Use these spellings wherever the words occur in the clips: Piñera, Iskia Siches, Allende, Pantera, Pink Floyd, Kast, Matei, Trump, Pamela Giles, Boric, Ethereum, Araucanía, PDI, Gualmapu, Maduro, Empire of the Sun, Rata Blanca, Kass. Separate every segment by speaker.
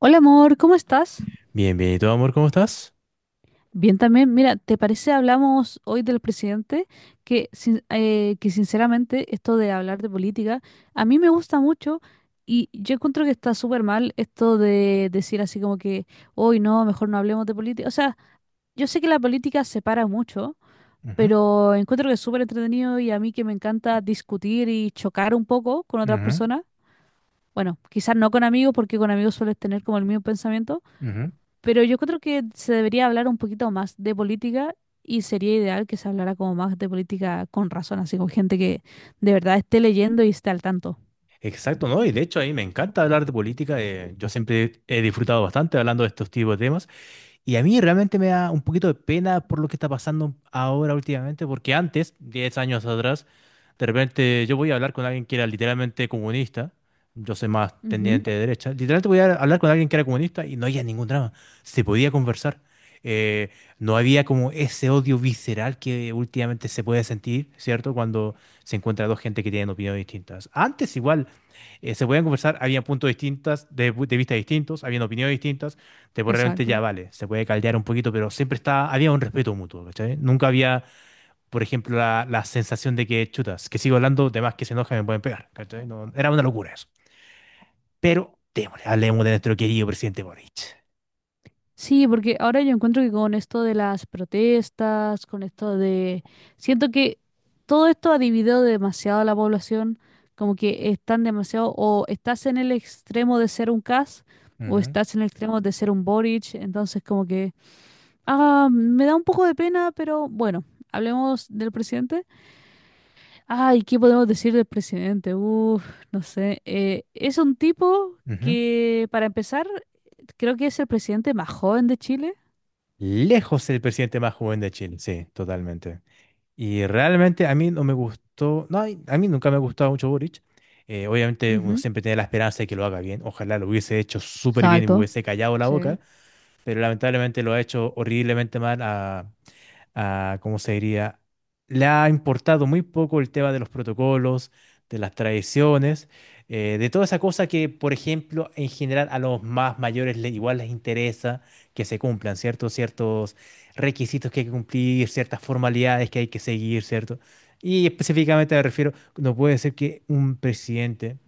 Speaker 1: Hola amor, ¿cómo estás?
Speaker 2: Bien, bien, ¿y tú, amor, cómo estás?
Speaker 1: Bien también. Mira, ¿te parece hablamos hoy del presidente? Que, sin- que sinceramente esto de hablar de política a mí me gusta mucho y yo encuentro que está súper mal esto de decir así como que hoy no, mejor no hablemos de política. O sea, yo sé que la política separa mucho,
Speaker 2: Ujú,
Speaker 1: pero encuentro que es súper entretenido y a mí que me encanta discutir y chocar un poco con otras
Speaker 2: ujú,
Speaker 1: personas. Bueno, quizás no con amigos porque con amigos sueles tener como el mismo pensamiento.
Speaker 2: ujú.
Speaker 1: Pero yo creo que se debería hablar un poquito más de política y sería ideal que se hablara como más de política con razón, así con gente que de verdad esté leyendo y esté al tanto.
Speaker 2: Exacto, ¿no? Y de hecho, a mí me encanta hablar de política. Yo siempre he disfrutado bastante hablando de estos tipos de temas. Y a mí realmente me da un poquito de pena por lo que está pasando ahora últimamente, porque antes, 10 años atrás, de repente yo voy a hablar con alguien que era literalmente comunista, yo soy más
Speaker 1: Ujú,
Speaker 2: tendiente de derecha, literalmente voy a hablar con alguien que era comunista y no había ningún drama, se podía conversar. Eh, no había como ese odio visceral que últimamente se puede sentir, ¿cierto? Cuando se encuentra dos gente que tienen opiniones distintas. Antes igual se podían conversar, había puntos distintos, de vista distintos, habían opiniones distintas, te puede realmente ya
Speaker 1: exacto.
Speaker 2: vale, se puede caldear un poquito, pero siempre está, había un respeto mutuo, ¿cachai? Nunca había, por ejemplo, la sensación de que chutas, que sigo hablando, de más que se enoja me pueden pegar, ¿cachai? No, era una locura eso. Pero, démosle, hablemos de nuestro querido presidente Boric.
Speaker 1: Sí, porque ahora yo encuentro que con esto de las protestas, con esto de... Siento que todo esto ha dividido demasiado a la población, como que están demasiado, o estás en el extremo de ser un CAS, o
Speaker 2: Ujú.
Speaker 1: estás en el extremo de ser un Boric, entonces como que... Ah, me da un poco de pena, pero bueno, hablemos del presidente. Ay, ¿qué podemos decir del presidente? Uf, no sé. Es un tipo
Speaker 2: Ujú.
Speaker 1: que, para empezar, creo que es el presidente más joven de Chile.
Speaker 2: Lejos el presidente más joven de Chile, sí, totalmente. Y realmente a mí no me gustó, no, ay, a mí nunca me ha gustado mucho Boric. Obviamente uno
Speaker 1: Ujú,
Speaker 2: siempre tiene la esperanza de que lo haga bien. Ojalá lo hubiese hecho súper bien y me
Speaker 1: exacto.
Speaker 2: hubiese callado la
Speaker 1: Sí.
Speaker 2: boca. Pero lamentablemente lo ha hecho horriblemente mal a, ¿cómo se diría? Le ha importado muy poco el tema de los protocolos, de las tradiciones, de toda esa cosa que, por ejemplo, en general a los más mayores le- igual les interesa que se cumplan, ¿cierto? Ciertos requisitos que hay que cumplir, ciertas formalidades que hay que seguir, ¿cierto? Y específicamente me refiero, no puede ser que un presidente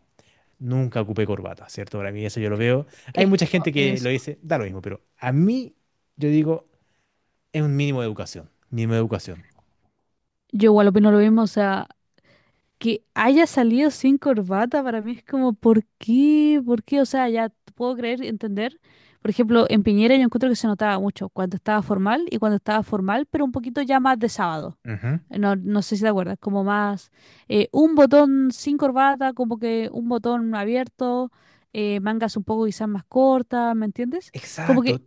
Speaker 2: nunca ocupé corbata, ¿cierto? Para mí eso yo lo veo. Hay mucha gente
Speaker 1: Eso,
Speaker 2: que lo
Speaker 1: eso.
Speaker 2: dice, da lo mismo, pero a mí yo digo, es un mínimo de educación, mínimo de educación.
Speaker 1: Yo igual opino lo mismo, o sea, que haya salido sin corbata para mí es como, ¿por qué? ¿Por qué? O sea, puedo creer, entender. Por ejemplo, en Piñera yo encuentro que se notaba mucho cuando estaba formal y cuando estaba formal, pero un poquito ya más de sábado.
Speaker 2: Ujú.
Speaker 1: No, no sé si te acuerdas, como más un botón sin corbata, como que un botón abierto, mangas un poco quizás más cortas, ¿me entiendes? Como que
Speaker 2: Exacto,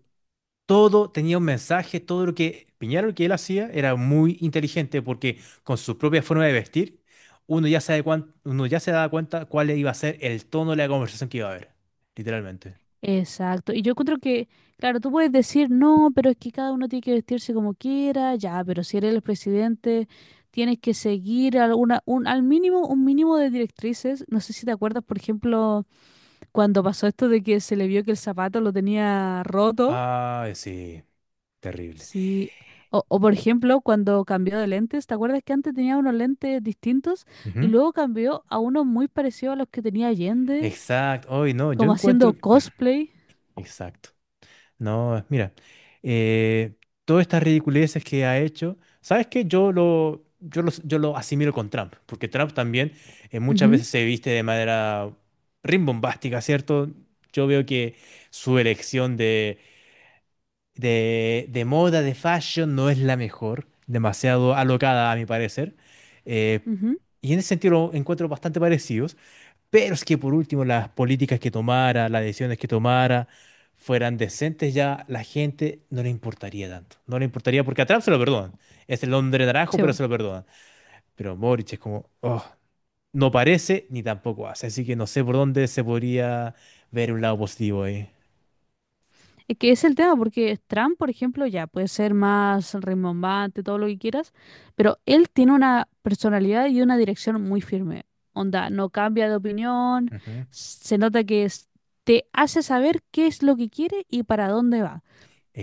Speaker 2: todo tenía un mensaje, todo lo que Piñera, lo que él hacía, era muy inteligente porque con su propia forma de vestir, uno ya se da cuan- uno ya se daba cuenta cuál iba a ser el tono de la conversación que iba a haber, literalmente.
Speaker 1: exacto. Y yo encuentro que, claro, tú puedes decir, no, pero es que cada uno tiene que vestirse como quiera, ya, pero si eres el presidente, tienes que seguir alguna, un, al mínimo, un mínimo de directrices. No sé si te acuerdas, por ejemplo, cuando pasó esto de que se le vio que el zapato lo tenía roto,
Speaker 2: Ay, sí, terrible.
Speaker 1: sí. O, por ejemplo, cuando cambió de lentes, ¿te acuerdas que antes tenía unos lentes distintos y
Speaker 2: Ujú.
Speaker 1: luego cambió a unos muy parecidos a los que tenía Allende,
Speaker 2: Exacto, hoy no, yo
Speaker 1: como haciendo
Speaker 2: encuentro...
Speaker 1: cosplay?
Speaker 2: Exacto. No, mira, eh, todas estas ridiculeces que ha hecho, ¿sabes qué? Yo lo asimilo con Trump, porque Trump también muchas
Speaker 1: Ujú,
Speaker 2: veces se viste de manera rimbombástica, ¿cierto? Yo veo que su elección de moda, de fashion, no es la mejor, demasiado alocada a mi parecer. eh,
Speaker 1: ujú.
Speaker 2: y en ese sentido lo encuentro bastante parecido. Pero es que por último las políticas que tomara, las decisiones que tomara, fueran decentes, ya la gente no le importaría tanto. No le importaría porque a Trump se lo perdonan. Es el hombre naranjo,
Speaker 1: Sí,
Speaker 2: pero se lo perdonan. Pero Boric es como, oh, no parece ni tampoco hace. Así que no sé por dónde se podría ver un lado positivo ahí.
Speaker 1: es que es el tema, porque Trump, por ejemplo, ya puede ser más rimbombante, todo lo que quieras, pero él tiene una personalidad y una dirección muy firme. Onda, no cambia de opinión,
Speaker 2: Ujú.
Speaker 1: se nota que te hace saber qué es lo que quiere y para dónde va.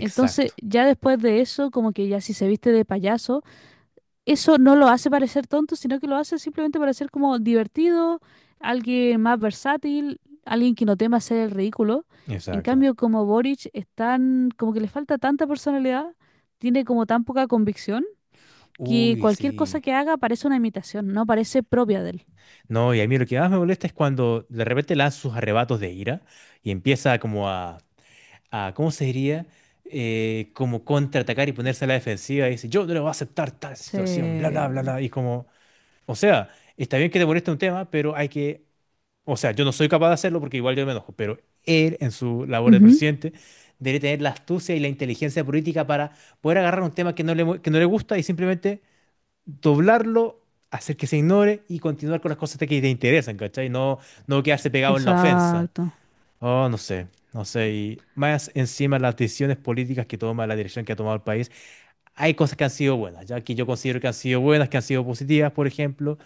Speaker 1: Entonces, ya después de eso, como que ya si se viste de payaso, eso no lo hace parecer tonto, sino que lo hace simplemente parecer como divertido, alguien más versátil, alguien que no tema hacer el ridículo. En
Speaker 2: exacto.
Speaker 1: cambio, como Boric es tan, como que le falta tanta personalidad, tiene como tan poca convicción, que
Speaker 2: Uy,
Speaker 1: cualquier cosa
Speaker 2: sí.
Speaker 1: que haga parece una imitación, no parece propia de él.
Speaker 2: No, y a mí lo que más me molesta es cuando de repente lanza sus arrebatos de ira y empieza como a ¿cómo se diría? Como contraatacar y ponerse a la defensiva y decir yo no le voy a aceptar tal situación, bla, bla,
Speaker 1: Sí.
Speaker 2: bla, bla. Y como, o sea, está bien que te moleste un tema, pero hay que, o sea, yo no soy capaz de hacerlo porque igual yo me enojo, pero él en su labor de
Speaker 1: Ujú,
Speaker 2: presidente debe tener la astucia y la inteligencia política para poder agarrar un tema que que no le gusta y simplemente doblarlo. Hacer que se ignore y continuar con las cosas que te interesan, ¿cachai? No, no quedarse pegado en la ofensa.
Speaker 1: exacto.
Speaker 2: Oh, no sé, no sé. Y más encima las decisiones políticas que toma, la dirección que ha tomado el país, hay cosas que han sido buenas, ya que yo considero que han sido buenas, que han sido positivas, por ejemplo,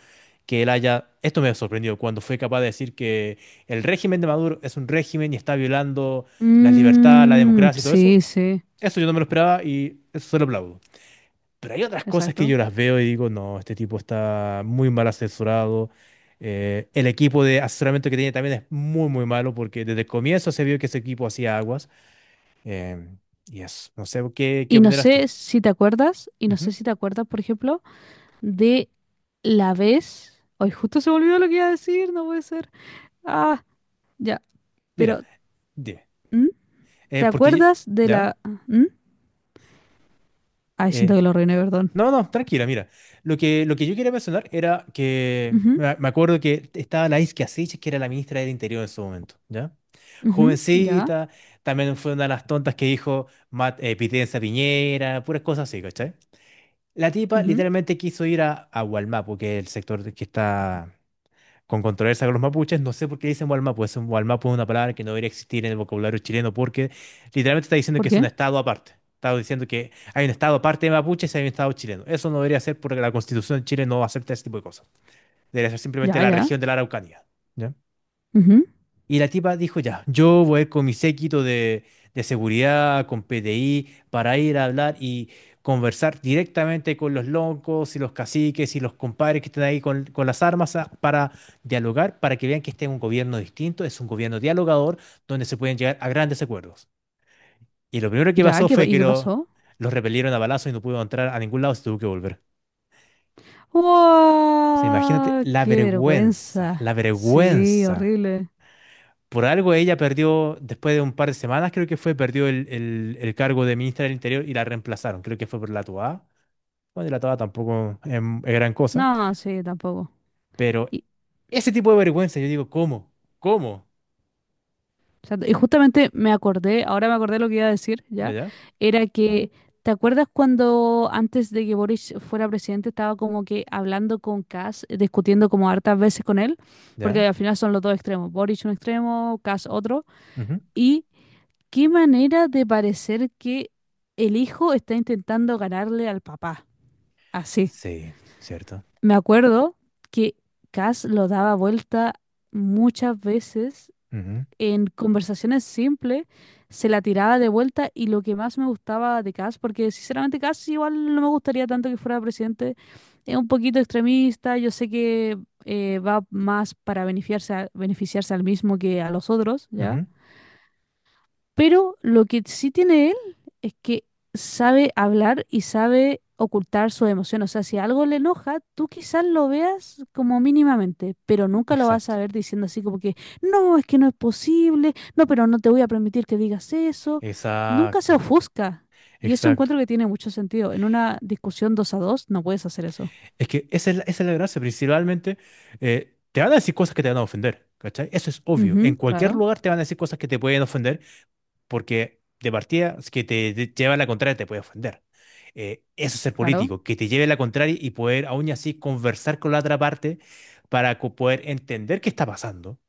Speaker 2: que él haya, esto me ha sorprendido, cuando fue capaz de decir que el régimen de Maduro es un régimen y está violando las libertades, la
Speaker 1: Mm,
Speaker 2: democracia y todo eso,
Speaker 1: sí, sí,
Speaker 2: eso yo no me lo esperaba y eso se lo aplaudo. Pero hay otras cosas que
Speaker 1: exacto.
Speaker 2: yo las veo y digo, no, este tipo está muy mal asesorado. El equipo de asesoramiento que tiene también es muy, muy malo porque desde el comienzo se vio que ese equipo hacía aguas. Em, y eso, no sé, ¿qué, qué opinarás tú?
Speaker 1: Y no
Speaker 2: Ujú.
Speaker 1: sé si te acuerdas, por ejemplo, de la vez. Hoy justo se me olvidó lo que iba a decir, no puede ser. Ah, ya.
Speaker 2: Mira,
Speaker 1: Pero,
Speaker 2: dime.
Speaker 1: ¿mm? ¿Te
Speaker 2: Porque,
Speaker 1: acuerdas de
Speaker 2: ¿ya?
Speaker 1: la? ¿Mm? Ay, siento
Speaker 2: Eh,
Speaker 1: que lo reiné, perdón.
Speaker 2: No, no, tranquila, mira. Lo que yo quería mencionar era que
Speaker 1: Ujú,
Speaker 2: me acuerdo que estaba la Iskia Siches, que era la ministra del Interior en su momento, ¿ya?
Speaker 1: ujú, ya.
Speaker 2: Jovencita, también fue una de las tontas que dijo Pitencia Piñera, puras cosas así, ¿cachai? La tipa
Speaker 1: Ujú.
Speaker 2: literalmente quiso ir a, Gualmapu, que es el sector que está con controversia con los mapuches. No sé por qué le dicen Gualmapu. Es un, Gualmapu es una palabra que no debería existir en el vocabulario chileno porque literalmente está diciendo
Speaker 1: ¿Por
Speaker 2: que es un
Speaker 1: qué?
Speaker 2: estado aparte. Está diciendo que hay un estado aparte de mapuches y hay un estado chileno. Eso no debería ser porque la constitución de Chile no acepta ese tipo de cosas. Debería ser simplemente
Speaker 1: Ya,
Speaker 2: la
Speaker 1: ya.
Speaker 2: región de la Araucanía. ¿Ya?
Speaker 1: Ujú,
Speaker 2: Y la tipa dijo, ya, yo voy a ir con mi séquito de seguridad, con PDI, para ir a hablar y conversar directamente con los locos y los caciques y los compadres que están ahí con, las armas a- para dialogar, para que vean que este es un gobierno distinto, es un gobierno dialogador, donde se pueden llegar a grandes acuerdos. Y lo primero que
Speaker 1: ya,
Speaker 2: pasó fue
Speaker 1: ¿y
Speaker 2: que
Speaker 1: qué
Speaker 2: lo,
Speaker 1: pasó?
Speaker 2: los repelieron a balazo y no pudo entrar a ningún lado, se tuvo que volver. O sea, imagínate
Speaker 1: ¡Wow!
Speaker 2: la
Speaker 1: ¡Qué
Speaker 2: vergüenza,
Speaker 1: vergüenza!
Speaker 2: la
Speaker 1: Sí,
Speaker 2: vergüenza.
Speaker 1: horrible.
Speaker 2: Por algo ella perdió, después de un par de semanas, creo que fue, perdió el cargo de ministra del Interior y la reemplazaron. Creo que fue por la Toa. Bueno, y la Toa tampoco es, gran cosa.
Speaker 1: No, sí, tampoco.
Speaker 2: Pero
Speaker 1: Y,
Speaker 2: ese tipo de vergüenza, yo digo, ¿cómo? ¿Cómo?
Speaker 1: exacto. Y justamente me acordé, ahora me acordé lo que iba a decir,
Speaker 2: ¿Ya,
Speaker 1: ¿ya?
Speaker 2: ya?
Speaker 1: Era que, ¿te acuerdas cuando antes de que Boris fuera presidente estaba como que hablando con Kass, discutiendo como hartas veces con él? Porque
Speaker 2: ¿Ya?
Speaker 1: al final son los dos extremos, Boris un extremo, Kass otro.
Speaker 2: Ujú.
Speaker 1: Y qué manera de parecer que el hijo está intentando ganarle al papá. Así.
Speaker 2: Sí, cierto.
Speaker 1: Me acuerdo que Kass lo daba vuelta muchas veces,
Speaker 2: Ujú,
Speaker 1: en conversaciones simples se la tiraba de vuelta, y lo que más me gustaba de Cass, porque sinceramente Cass igual no me gustaría tanto que fuera presidente, es un poquito extremista, yo sé que va más para beneficiarse, beneficiarse al mismo que a los otros, ¿ya?
Speaker 2: ujú.
Speaker 1: Pero lo que sí tiene él es que sabe hablar y sabe ocultar su emoción. O sea, si algo le enoja, tú quizás lo veas como mínimamente, pero nunca lo vas
Speaker 2: Exacto.
Speaker 1: a ver diciendo así como que no es posible, no, pero no te voy a permitir que digas eso. Nunca se
Speaker 2: Exacto.
Speaker 1: ofusca. Y eso
Speaker 2: Exacto.
Speaker 1: encuentro que tiene mucho sentido. En una discusión dos a dos no puedes hacer eso.
Speaker 2: Es que esa es la gracia. Principalmente, te van a decir cosas que te van a ofender, ¿cachai? Eso es obvio. En
Speaker 1: Ujú,
Speaker 2: cualquier
Speaker 1: claro,
Speaker 2: lugar te van a decir cosas que te pueden ofender porque de partida, es que te lleva la contraria, te puede ofender. Eso es ser
Speaker 1: claro.
Speaker 2: político, que te lleve la contraria y poder aún así conversar con la otra parte para poder entender qué está pasando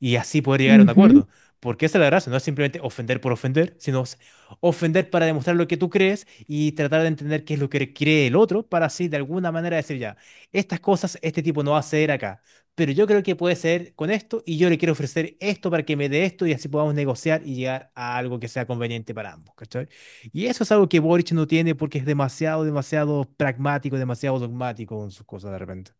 Speaker 2: y así poder llegar a un acuerdo. Porque esa es la gracia, no es simplemente ofender por ofender, sino ofender para demostrar lo que tú crees y tratar de entender qué es lo que cree el otro para así de alguna manera decir ya, estas cosas este tipo no va a ceder acá, pero yo creo que puede ceder con esto y yo le quiero ofrecer esto para que me dé esto y así podamos negociar y llegar a algo que sea conveniente para ambos, ¿cachai? Y eso es algo que Boric no tiene porque es demasiado, demasiado pragmático, demasiado dogmático con sus cosas de repente.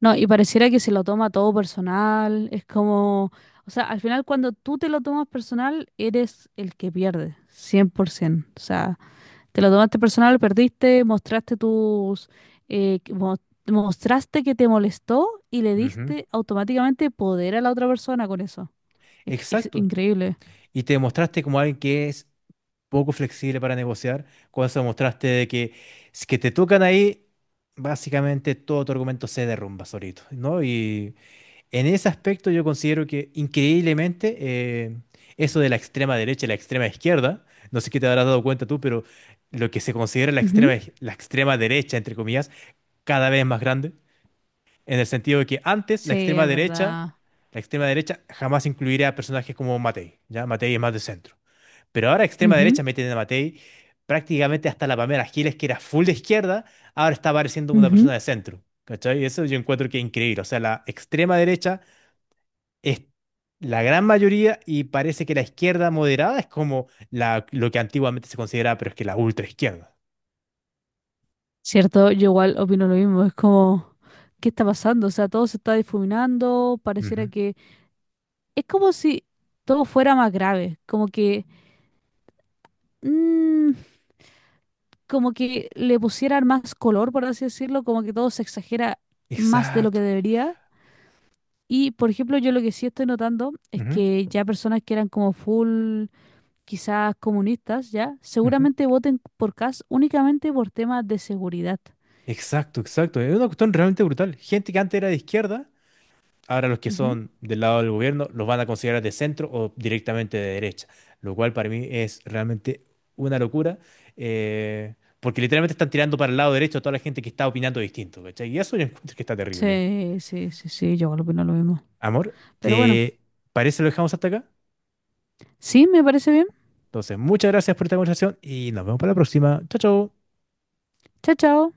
Speaker 1: No, y pareciera que se lo toma todo personal, es como, o sea, al final cuando tú te lo tomas personal, eres el que pierde, 100%. O sea, te lo tomaste personal, perdiste, mostraste tus, eh, que mo- mostraste que te molestó y le
Speaker 2: Ujú.
Speaker 1: diste automáticamente poder a la otra persona con eso. Es que es
Speaker 2: Exacto.
Speaker 1: increíble.
Speaker 2: Y te mostraste como alguien que es poco flexible para negociar. Con eso demostraste de que si que te tocan ahí, básicamente todo tu argumento se derrumba solito, ¿no? Y en ese aspecto yo considero que increíblemente eso de la extrema derecha y la extrema izquierda, no sé qué te habrás dado cuenta tú, pero lo que se considera la extrema,
Speaker 1: Ujú.
Speaker 2: la extrema derecha, entre comillas, cada vez es más grande, en el sentido de que antes
Speaker 1: Sí, es verdad.
Speaker 2: la extrema derecha jamás incluiría a personajes como Matei, ¿ya? Matei es más de centro. Pero ahora extrema
Speaker 1: Ujú,
Speaker 2: derecha meten a Matei prácticamente hasta la Pamela Giles, que era full de izquierda, ahora está apareciendo una
Speaker 1: ujú.
Speaker 2: persona de centro. ¿Cachai? Eso yo encuentro que es increíble. O sea, la extrema derecha es la gran mayoría y parece que la izquierda moderada es como la, lo que antiguamente se consideraba, pero es que la ultra izquierda.
Speaker 1: Cierto, yo igual opino lo mismo. Es como, ¿qué está pasando? O sea, todo se está difuminando. Pareciera
Speaker 2: Ujú.
Speaker 1: que es como si todo fuera más grave. Como que, mm, como que le pusieran más color, por así decirlo, como que todo se exagera más de lo que
Speaker 2: Exacto.
Speaker 1: debería. Y, por ejemplo, yo lo que sí estoy notando es
Speaker 2: Ujú,
Speaker 1: que ya personas que eran como full, quizás comunistas, ya,
Speaker 2: ujú.
Speaker 1: seguramente voten por Kast únicamente por temas de seguridad.
Speaker 2: Exacto, exacto. Es una cuestión realmente brutal. Gente que antes era de izquierda. Ahora los que
Speaker 1: Ujú.
Speaker 2: son del lado del gobierno los van a considerar de centro o directamente de derecha, lo cual para mí es realmente una locura, porque literalmente están tirando para el lado derecho a toda la gente que está opinando distinto, ¿cachai? Y eso yo encuentro que está terrible.
Speaker 1: Sí, sí, sí, sí, yo opino lo mismo.
Speaker 2: Amor,
Speaker 1: Pero bueno,
Speaker 2: ¿te parece lo dejamos hasta acá?
Speaker 1: sí, me parece bien.
Speaker 2: Entonces, muchas gracias por esta conversación y nos vemos para la próxima. Chao, chao.
Speaker 1: Chao, chao.